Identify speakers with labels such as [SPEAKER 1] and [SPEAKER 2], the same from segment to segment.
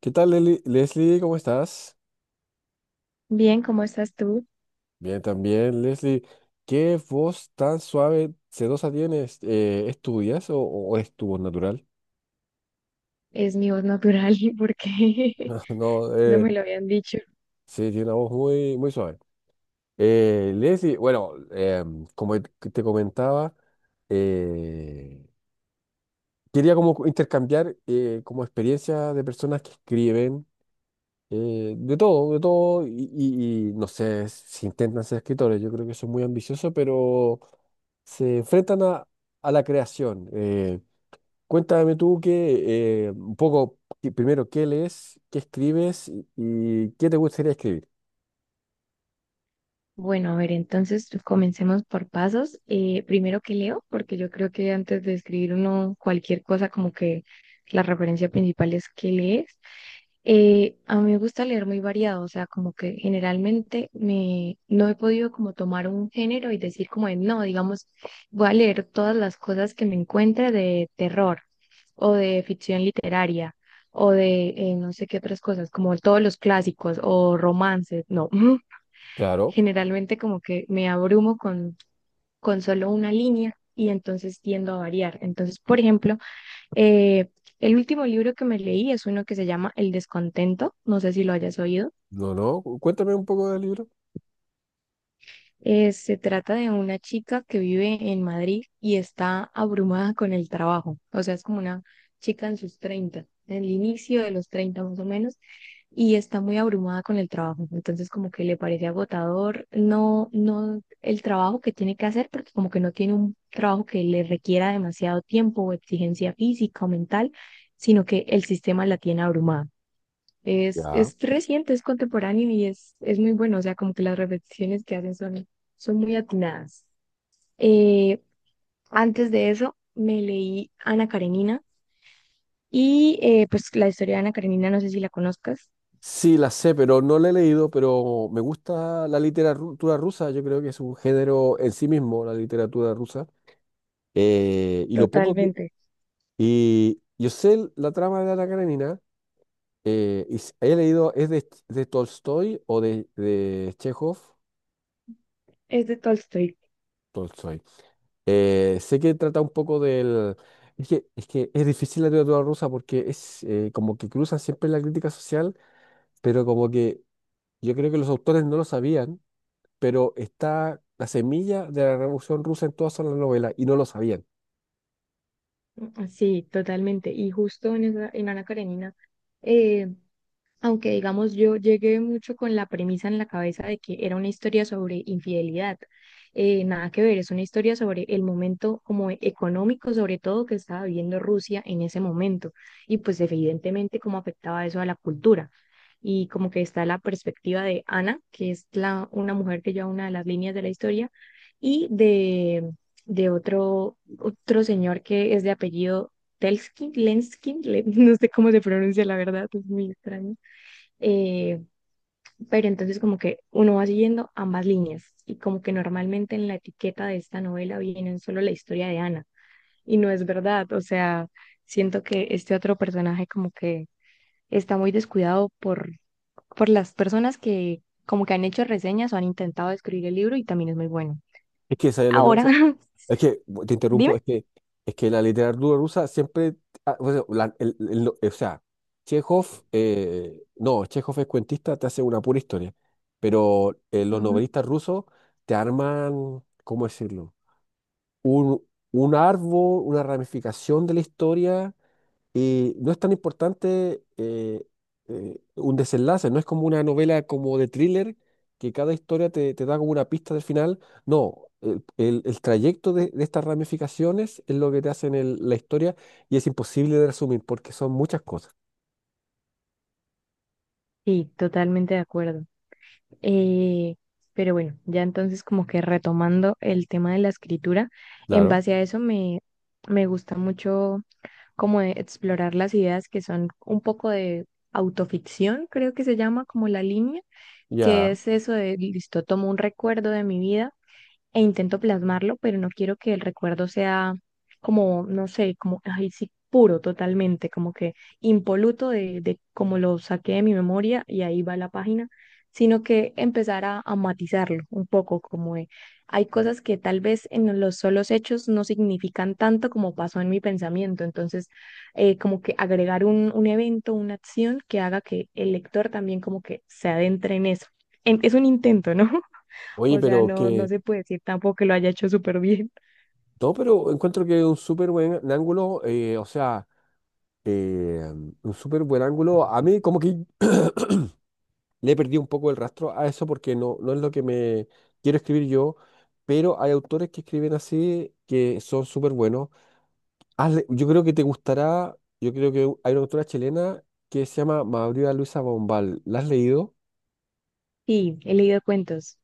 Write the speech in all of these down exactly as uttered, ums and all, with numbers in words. [SPEAKER 1] ¿Qué tal, Leli- Leslie? ¿Cómo estás?
[SPEAKER 2] Bien, ¿cómo estás tú?
[SPEAKER 1] Bien, también, Leslie. ¿Qué voz tan suave, sedosa tienes? Eh, ¿estudias o, o es tu voz natural?
[SPEAKER 2] Es mi voz natural porque
[SPEAKER 1] No,
[SPEAKER 2] no
[SPEAKER 1] eh,
[SPEAKER 2] me lo habían dicho.
[SPEAKER 1] sí, tiene una voz muy, muy suave. Eh, Leslie, bueno, em, como te te comentaba, eh, quería como intercambiar eh, como experiencia de personas que escriben. Eh, de todo, de todo, y, y- y no sé si intentan ser escritores, yo creo que son muy ambiciosos, pero se enfrentan a, a la creación. Eh, cuéntame tú que, eh, un poco, que primero, ¿qué lees, qué escribes y, y qué te gustaría escribir?
[SPEAKER 2] Bueno, a ver, entonces comencemos por pasos. Eh, primero que leo, porque yo creo que antes de escribir uno cualquier cosa, como que la referencia principal es qué lees. Eh, a mí me gusta leer muy variado, o sea, como que generalmente me, no he podido como tomar un género y decir como de, no, digamos, voy a leer todas las cosas que me encuentre de terror o de ficción literaria o de eh, no sé qué otras cosas, como todos los clásicos o romances, no.
[SPEAKER 1] Claro,
[SPEAKER 2] Generalmente como que me abrumo con, con solo una línea y entonces tiendo a variar. Entonces, por ejemplo, eh, el último libro que me leí es uno que se llama El descontento, no sé si lo hayas oído.
[SPEAKER 1] no, no, cu- cuéntame un poco del libro.
[SPEAKER 2] Eh, se trata de una chica que vive en Madrid y está abrumada con el trabajo. O sea, es como una chica en sus treinta, en el inicio de los treinta más o menos, y está muy abrumada con el trabajo. Entonces, como que le parece agotador, no, no el trabajo que tiene que hacer, porque como que no tiene un trabajo que le requiera demasiado tiempo o exigencia física o mental, sino que el sistema la tiene abrumada. Es,
[SPEAKER 1] Ya.
[SPEAKER 2] es reciente, es contemporáneo y es, es muy bueno. O sea, como que las repeticiones que hacen son, son muy atinadas. Eh, Antes de eso, me leí Ana Karenina y eh, pues la historia de Ana Karenina, no sé si la conozcas.
[SPEAKER 1] Sí, la sé, pero no la he leído, pero me gusta la literatura rusa, yo creo que es un género en sí mismo, la literatura rusa. Eh, y lo poco que,
[SPEAKER 2] Totalmente.
[SPEAKER 1] y yo sé la trama de Ana Karenina, eh, y s- he leído, es de, de Tolstoy o de, de Chekhov.
[SPEAKER 2] Es de Tolstoy.
[SPEAKER 1] Tolstoy. Eh, sé que trata un poco del. Es que, es que es difícil la literatura rusa porque es eh, como que cruzan siempre la crítica social, pero como que yo creo que los autores no lo sabían, pero está la semilla de la Revolución Rusa en todas las novelas y no lo sabían.
[SPEAKER 2] Sí, totalmente. Y justo en, esa- en Ana Karenina eh, aunque digamos yo llegué mucho con la premisa en la cabeza de que era una historia sobre infidelidad. Eh, nada que ver, es una historia sobre el momento como e- económico, sobre todo que estaba viviendo Rusia en ese momento y pues evidentemente cómo afectaba eso a la cultura. Y como que está la perspectiva de Ana, que es la, una mujer que lleva una de las líneas de la historia, y de, de otro, otro señor que es de apellido Telskin, Lenskin, le- no sé cómo se pronuncia la verdad, es muy extraño eh, pero entonces como que uno va siguiendo ambas líneas y como que normalmente en la etiqueta de esta novela vienen solo la historia de Ana y no es verdad, o sea, siento que este otro personaje como que está muy descuidado por, por las personas que como que han hecho reseñas o han intentado escribir el libro y también es muy bueno.
[SPEAKER 1] Es que, ¿sabes lo que
[SPEAKER 2] Ahora,
[SPEAKER 1] pasa? Es que, te
[SPEAKER 2] dime.
[SPEAKER 1] interrumpo, es que, es que la literatura rusa siempre, ah, o sea, la- el- el- lo- o sea, Chekhov, eh, no, Chekhov es cuentista, te hace una pura historia, pero eh, los
[SPEAKER 2] Ujú.
[SPEAKER 1] novelistas rusos te arman, ¿cómo decirlo? Un, un árbol, una ramificación de la historia, y no es tan importante eh, eh, un desenlace, no es como una novela como de thriller, que cada historia te, te da como una pista del final. No, el, el- el trayecto de, de estas ramificaciones es lo que te hacen el- la historia, y es imposible de resumir porque son muchas cosas.
[SPEAKER 2] Sí, totalmente de acuerdo. Eh, pero bueno, ya entonces como que retomando el tema de la escritura, en
[SPEAKER 1] Claro.
[SPEAKER 2] base a eso me, me gusta mucho como de explorar las ideas que son un poco de autoficción, creo que se llama como la línea,
[SPEAKER 1] Ya.
[SPEAKER 2] que es eso de, listo, tomo un recuerdo de mi vida e intento plasmarlo, pero no quiero que el recuerdo sea como, no sé, como, ay, sí, puro totalmente, como que impoluto de, de como lo saqué de mi memoria y ahí va la página, sino que empezar a, a matizarlo un poco, como de, hay cosas que tal vez en los solos hechos no significan tanto como pasó en mi pensamiento, entonces eh, como que agregar un, un evento, una acción que haga que el lector también como que se adentre en eso. En- es un intento, ¿no?
[SPEAKER 1] Oye,
[SPEAKER 2] O sea,
[SPEAKER 1] pero
[SPEAKER 2] no, no
[SPEAKER 1] que.
[SPEAKER 2] se puede decir tampoco que lo haya hecho súper bien.
[SPEAKER 1] No, pero encuentro que es un súper buen ángulo, eh, o sea, eh, un súper buen ángulo. A mí como que le perdí un poco el rastro a eso porque no, no es lo que me quiero escribir yo, pero hay autores que escriben así que son súper buenos. Hazle- yo creo que te gustará, yo creo que hay una autora chilena que se llama María Luisa Bombal. ¿La has leído?
[SPEAKER 2] Sí, he leído cuentos,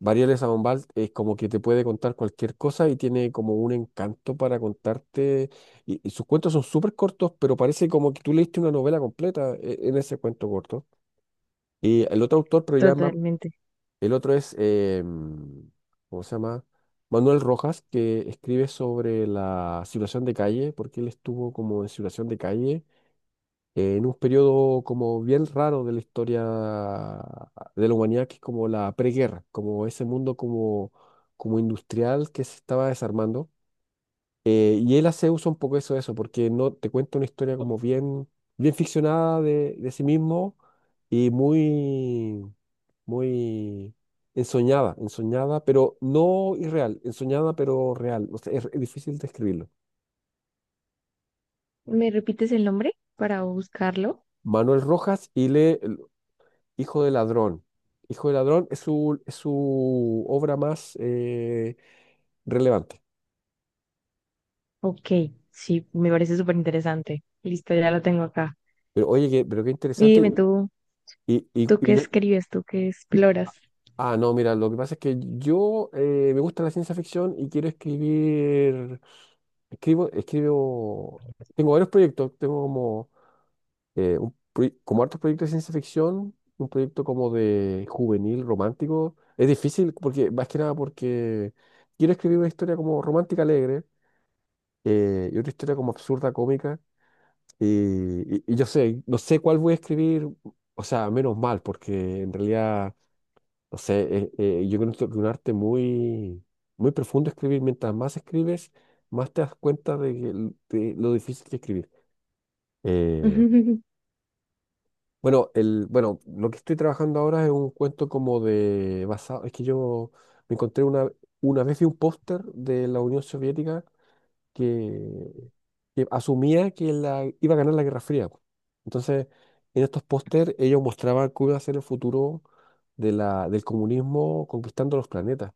[SPEAKER 1] María Luisa Bombal es como que te puede contar cualquier cosa y tiene como un encanto para contarte. Y, y sus cuentos son súper cortos, pero parece como que tú leíste una novela completa eh, en ese cuento corto. Y el otro autor, pero ya es más.
[SPEAKER 2] totalmente.
[SPEAKER 1] El otro es, eh, ¿cómo se llama? Manuel Rojas, que escribe sobre la situación de calle, porque él estuvo como en situación de calle eh, en un periodo como bien raro de la historia de la humanidad, que es como la preguerra, como ese mundo como como industrial que se estaba desarmando. Eh, y él hace uso un poco de eso, de eso, porque no te cuenta una historia como bien, bien ficcionada de, de sí mismo, y muy muy ensoñada, ensoñada, pero no irreal, ensoñada pero real. O sea, es, es difícil describirlo.
[SPEAKER 2] ¿Me repites el nombre para buscarlo?
[SPEAKER 1] Manuel Rojas, y le el Hijo de Ladrón. Hijo de Ladrón es su, es su obra más eh, relevante.
[SPEAKER 2] Ok, sí, me parece súper interesante. Listo, ya lo tengo acá.
[SPEAKER 1] Pero oye, qué- pero qué
[SPEAKER 2] Y
[SPEAKER 1] interesante.
[SPEAKER 2] dime
[SPEAKER 1] Y,
[SPEAKER 2] tú,
[SPEAKER 1] y- y-
[SPEAKER 2] ¿tú
[SPEAKER 1] y
[SPEAKER 2] qué
[SPEAKER 1] lo-
[SPEAKER 2] escribes? ¿Tú qué exploras?
[SPEAKER 1] ah, no, mira, lo que pasa es que yo eh, me gusta la ciencia ficción y quiero escribir, escribo, escribo, tengo varios proyectos, tengo como eh, un proye- como hartos proyectos de ciencia ficción, un proyecto como de juvenil, romántico. Es difícil porque, más que nada porque quiero escribir una historia como romántica alegre, eh, y otra historia como absurda, cómica. Y, y- y yo sé, no sé cuál voy a escribir, o sea, menos mal, porque en realidad, no sé, eh, eh, yo creo que es un arte muy, muy profundo escribir. Mientras más escribes, más te das cuenta de, que- de lo difícil que es escribir. Eh, Bueno, el, bueno, lo que estoy trabajando ahora es un cuento como de basado. Es que yo me encontré una, una vez vi un póster de la Unión Soviética, que, que asumía que la, iba a ganar la Guerra Fría. Entonces, en estos pósters ellos mostraban cómo iba a ser el futuro de la, del comunismo conquistando los planetas.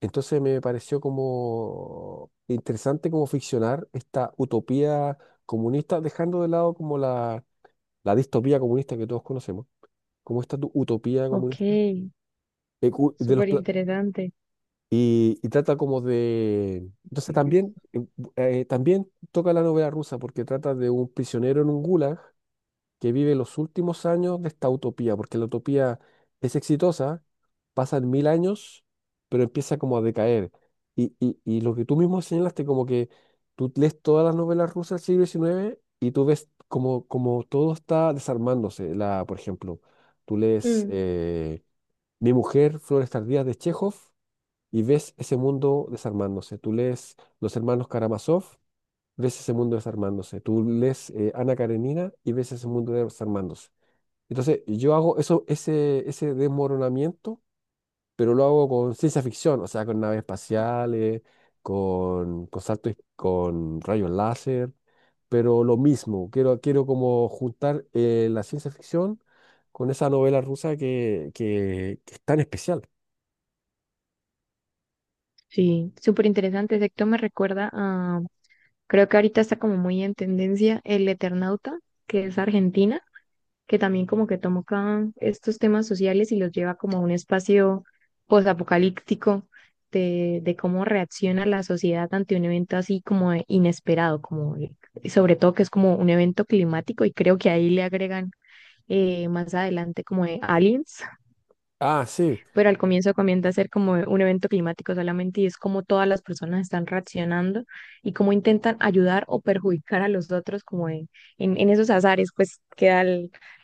[SPEAKER 1] Entonces me pareció como interesante como ficcionar esta utopía comunista, dejando de lado como la, la distopía comunista que todos conocemos, como esta tu- utopía
[SPEAKER 2] Ok,
[SPEAKER 1] comunista. eh, cu- de los,
[SPEAKER 2] súper
[SPEAKER 1] pla-
[SPEAKER 2] interesante.
[SPEAKER 1] y, y trata como de. Entonces también, eh, bu- eh, también toca la novela rusa porque trata de un prisionero en un gulag que vive los últimos años de esta utopía, porque la utopía es exitosa, pasan mil años, pero empieza como a decaer. Y, y, y lo que tú mismo señalaste, como que tú lees todas las novelas rusas del siglo diecinueve y tú ves como, como todo está desarmándose. La, por ejemplo, tú lees.
[SPEAKER 2] Mm,
[SPEAKER 1] Eh, mi mujer, Flores tardías de Chekhov, y ves ese mundo desarmándose. Tú lees Los hermanos Karamazov, ves ese mundo desarmándose. Tú lees eh, Ana Karenina y ves ese mundo desarmándose. Entonces, yo hago eso, ese, ese desmoronamiento, pero lo hago con ciencia ficción, o sea, con naves espaciales, con, con saltos, y- con rayos láser, pero lo mismo. Quiero, quiero como juntar eh, la ciencia ficción con esa novela rusa que, que que es tan especial.
[SPEAKER 2] sí, súper interesante. Exacto, me recuerda a, creo que ahorita está como muy en tendencia El Eternauta, que es argentina. Que también como que toma acá estos temas sociales y los lleva como a un espacio posapocalíptico de, de cómo reacciona la sociedad ante un evento así como de inesperado, como el- sobre todo que es como un evento climático y creo que ahí le agregan eh, más adelante como de aliens,
[SPEAKER 1] Ah, sí.
[SPEAKER 2] pero al comienzo comienza a ser como un evento climático solamente y es como todas las personas están reaccionando y cómo intentan ayudar o perjudicar a los otros como en, en, en esos azares, pues queda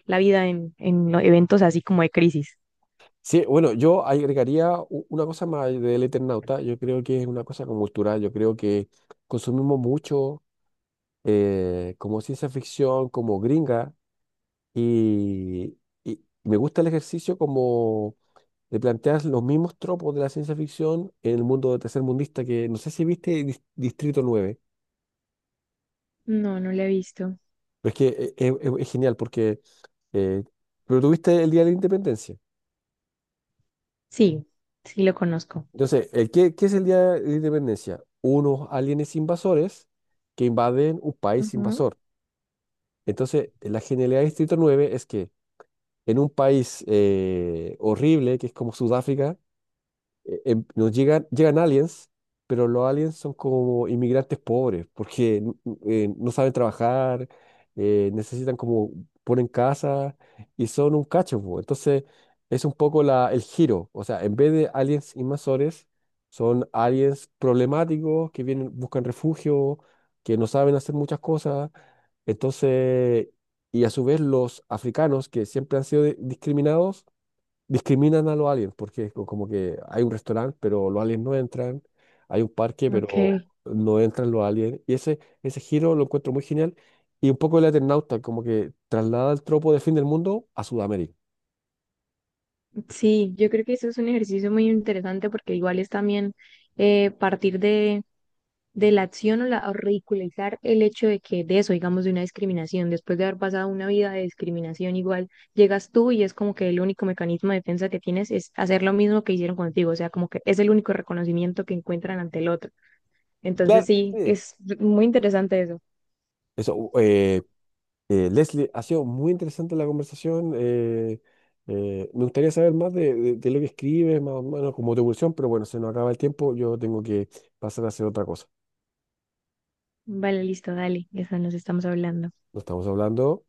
[SPEAKER 2] la vida en, en los eventos así como de crisis.
[SPEAKER 1] Sí, bueno, yo agregaría u- una cosa más del Eternauta. Yo creo que es una cosa como cultural. Yo creo que consumimos mucho eh, como ciencia ficción, como gringa, y, y me gusta el ejercicio como de plantear los mismos tropos de la ciencia ficción en el mundo tercermundista, que no sé si viste Dis- Distrito Nueve,
[SPEAKER 2] No, no lo he visto.
[SPEAKER 1] pero es que e- e- e- es genial porque. eh, pero tuviste el Día de la Independencia.
[SPEAKER 2] Sí, sí lo conozco.
[SPEAKER 1] Entonces, eh, ¿qué, qué es el Día de la Independencia? Unos aliens invasores que invaden un país invasor. Entonces, la genialidad de Distrito Nueve es que en un país eh, horrible, que es como Sudáfrica, eh, em- nos llegan, llegan aliens, pero los aliens son como inmigrantes pobres, porque n- n- eh, no saben trabajar, eh, necesitan como ponen casa y son un cacho, po. Entonces es un poco la, el giro, o sea, en vez de aliens invasores, son aliens problemáticos que vienen, buscan refugio, que no saben hacer muchas cosas, entonces. Y a su vez los africanos, que siempre han sido de- discriminados, discriminan a los aliens, porque es co- como que hay un restaurante, pero los aliens no entran, hay un parque,
[SPEAKER 2] Ujú, ok,
[SPEAKER 1] pero no entran los aliens, y ese, ese giro lo encuentro muy genial, y un poco el Eternauta, como que traslada el tropo de fin del mundo a Sudamérica.
[SPEAKER 2] sí, yo creo que eso es un ejercicio muy interesante porque igual es también eh, partir de de la acción o, la, o ridiculizar el hecho de que de eso, digamos, de una discriminación, después de haber pasado una vida de discriminación igual, llegas tú y es como que el único mecanismo de defensa que tienes es hacer lo mismo que hicieron contigo, o sea, como que es el único reconocimiento que encuentran ante el otro. Entonces
[SPEAKER 1] Claro,
[SPEAKER 2] sí,
[SPEAKER 1] sí.
[SPEAKER 2] es muy interesante eso.
[SPEAKER 1] Eso, u- eh, eh, Leslie, ha sido muy interesante la conversación, eh, eh, me gustaría saber más de, de- de lo que escribes, más o menos como tu evolución, pero bueno, se nos acaba el tiempo, yo tengo que pasar a hacer otra cosa.
[SPEAKER 2] Vale, listo, dale, ya está, nos estamos hablando.
[SPEAKER 1] Nos estamos hablando.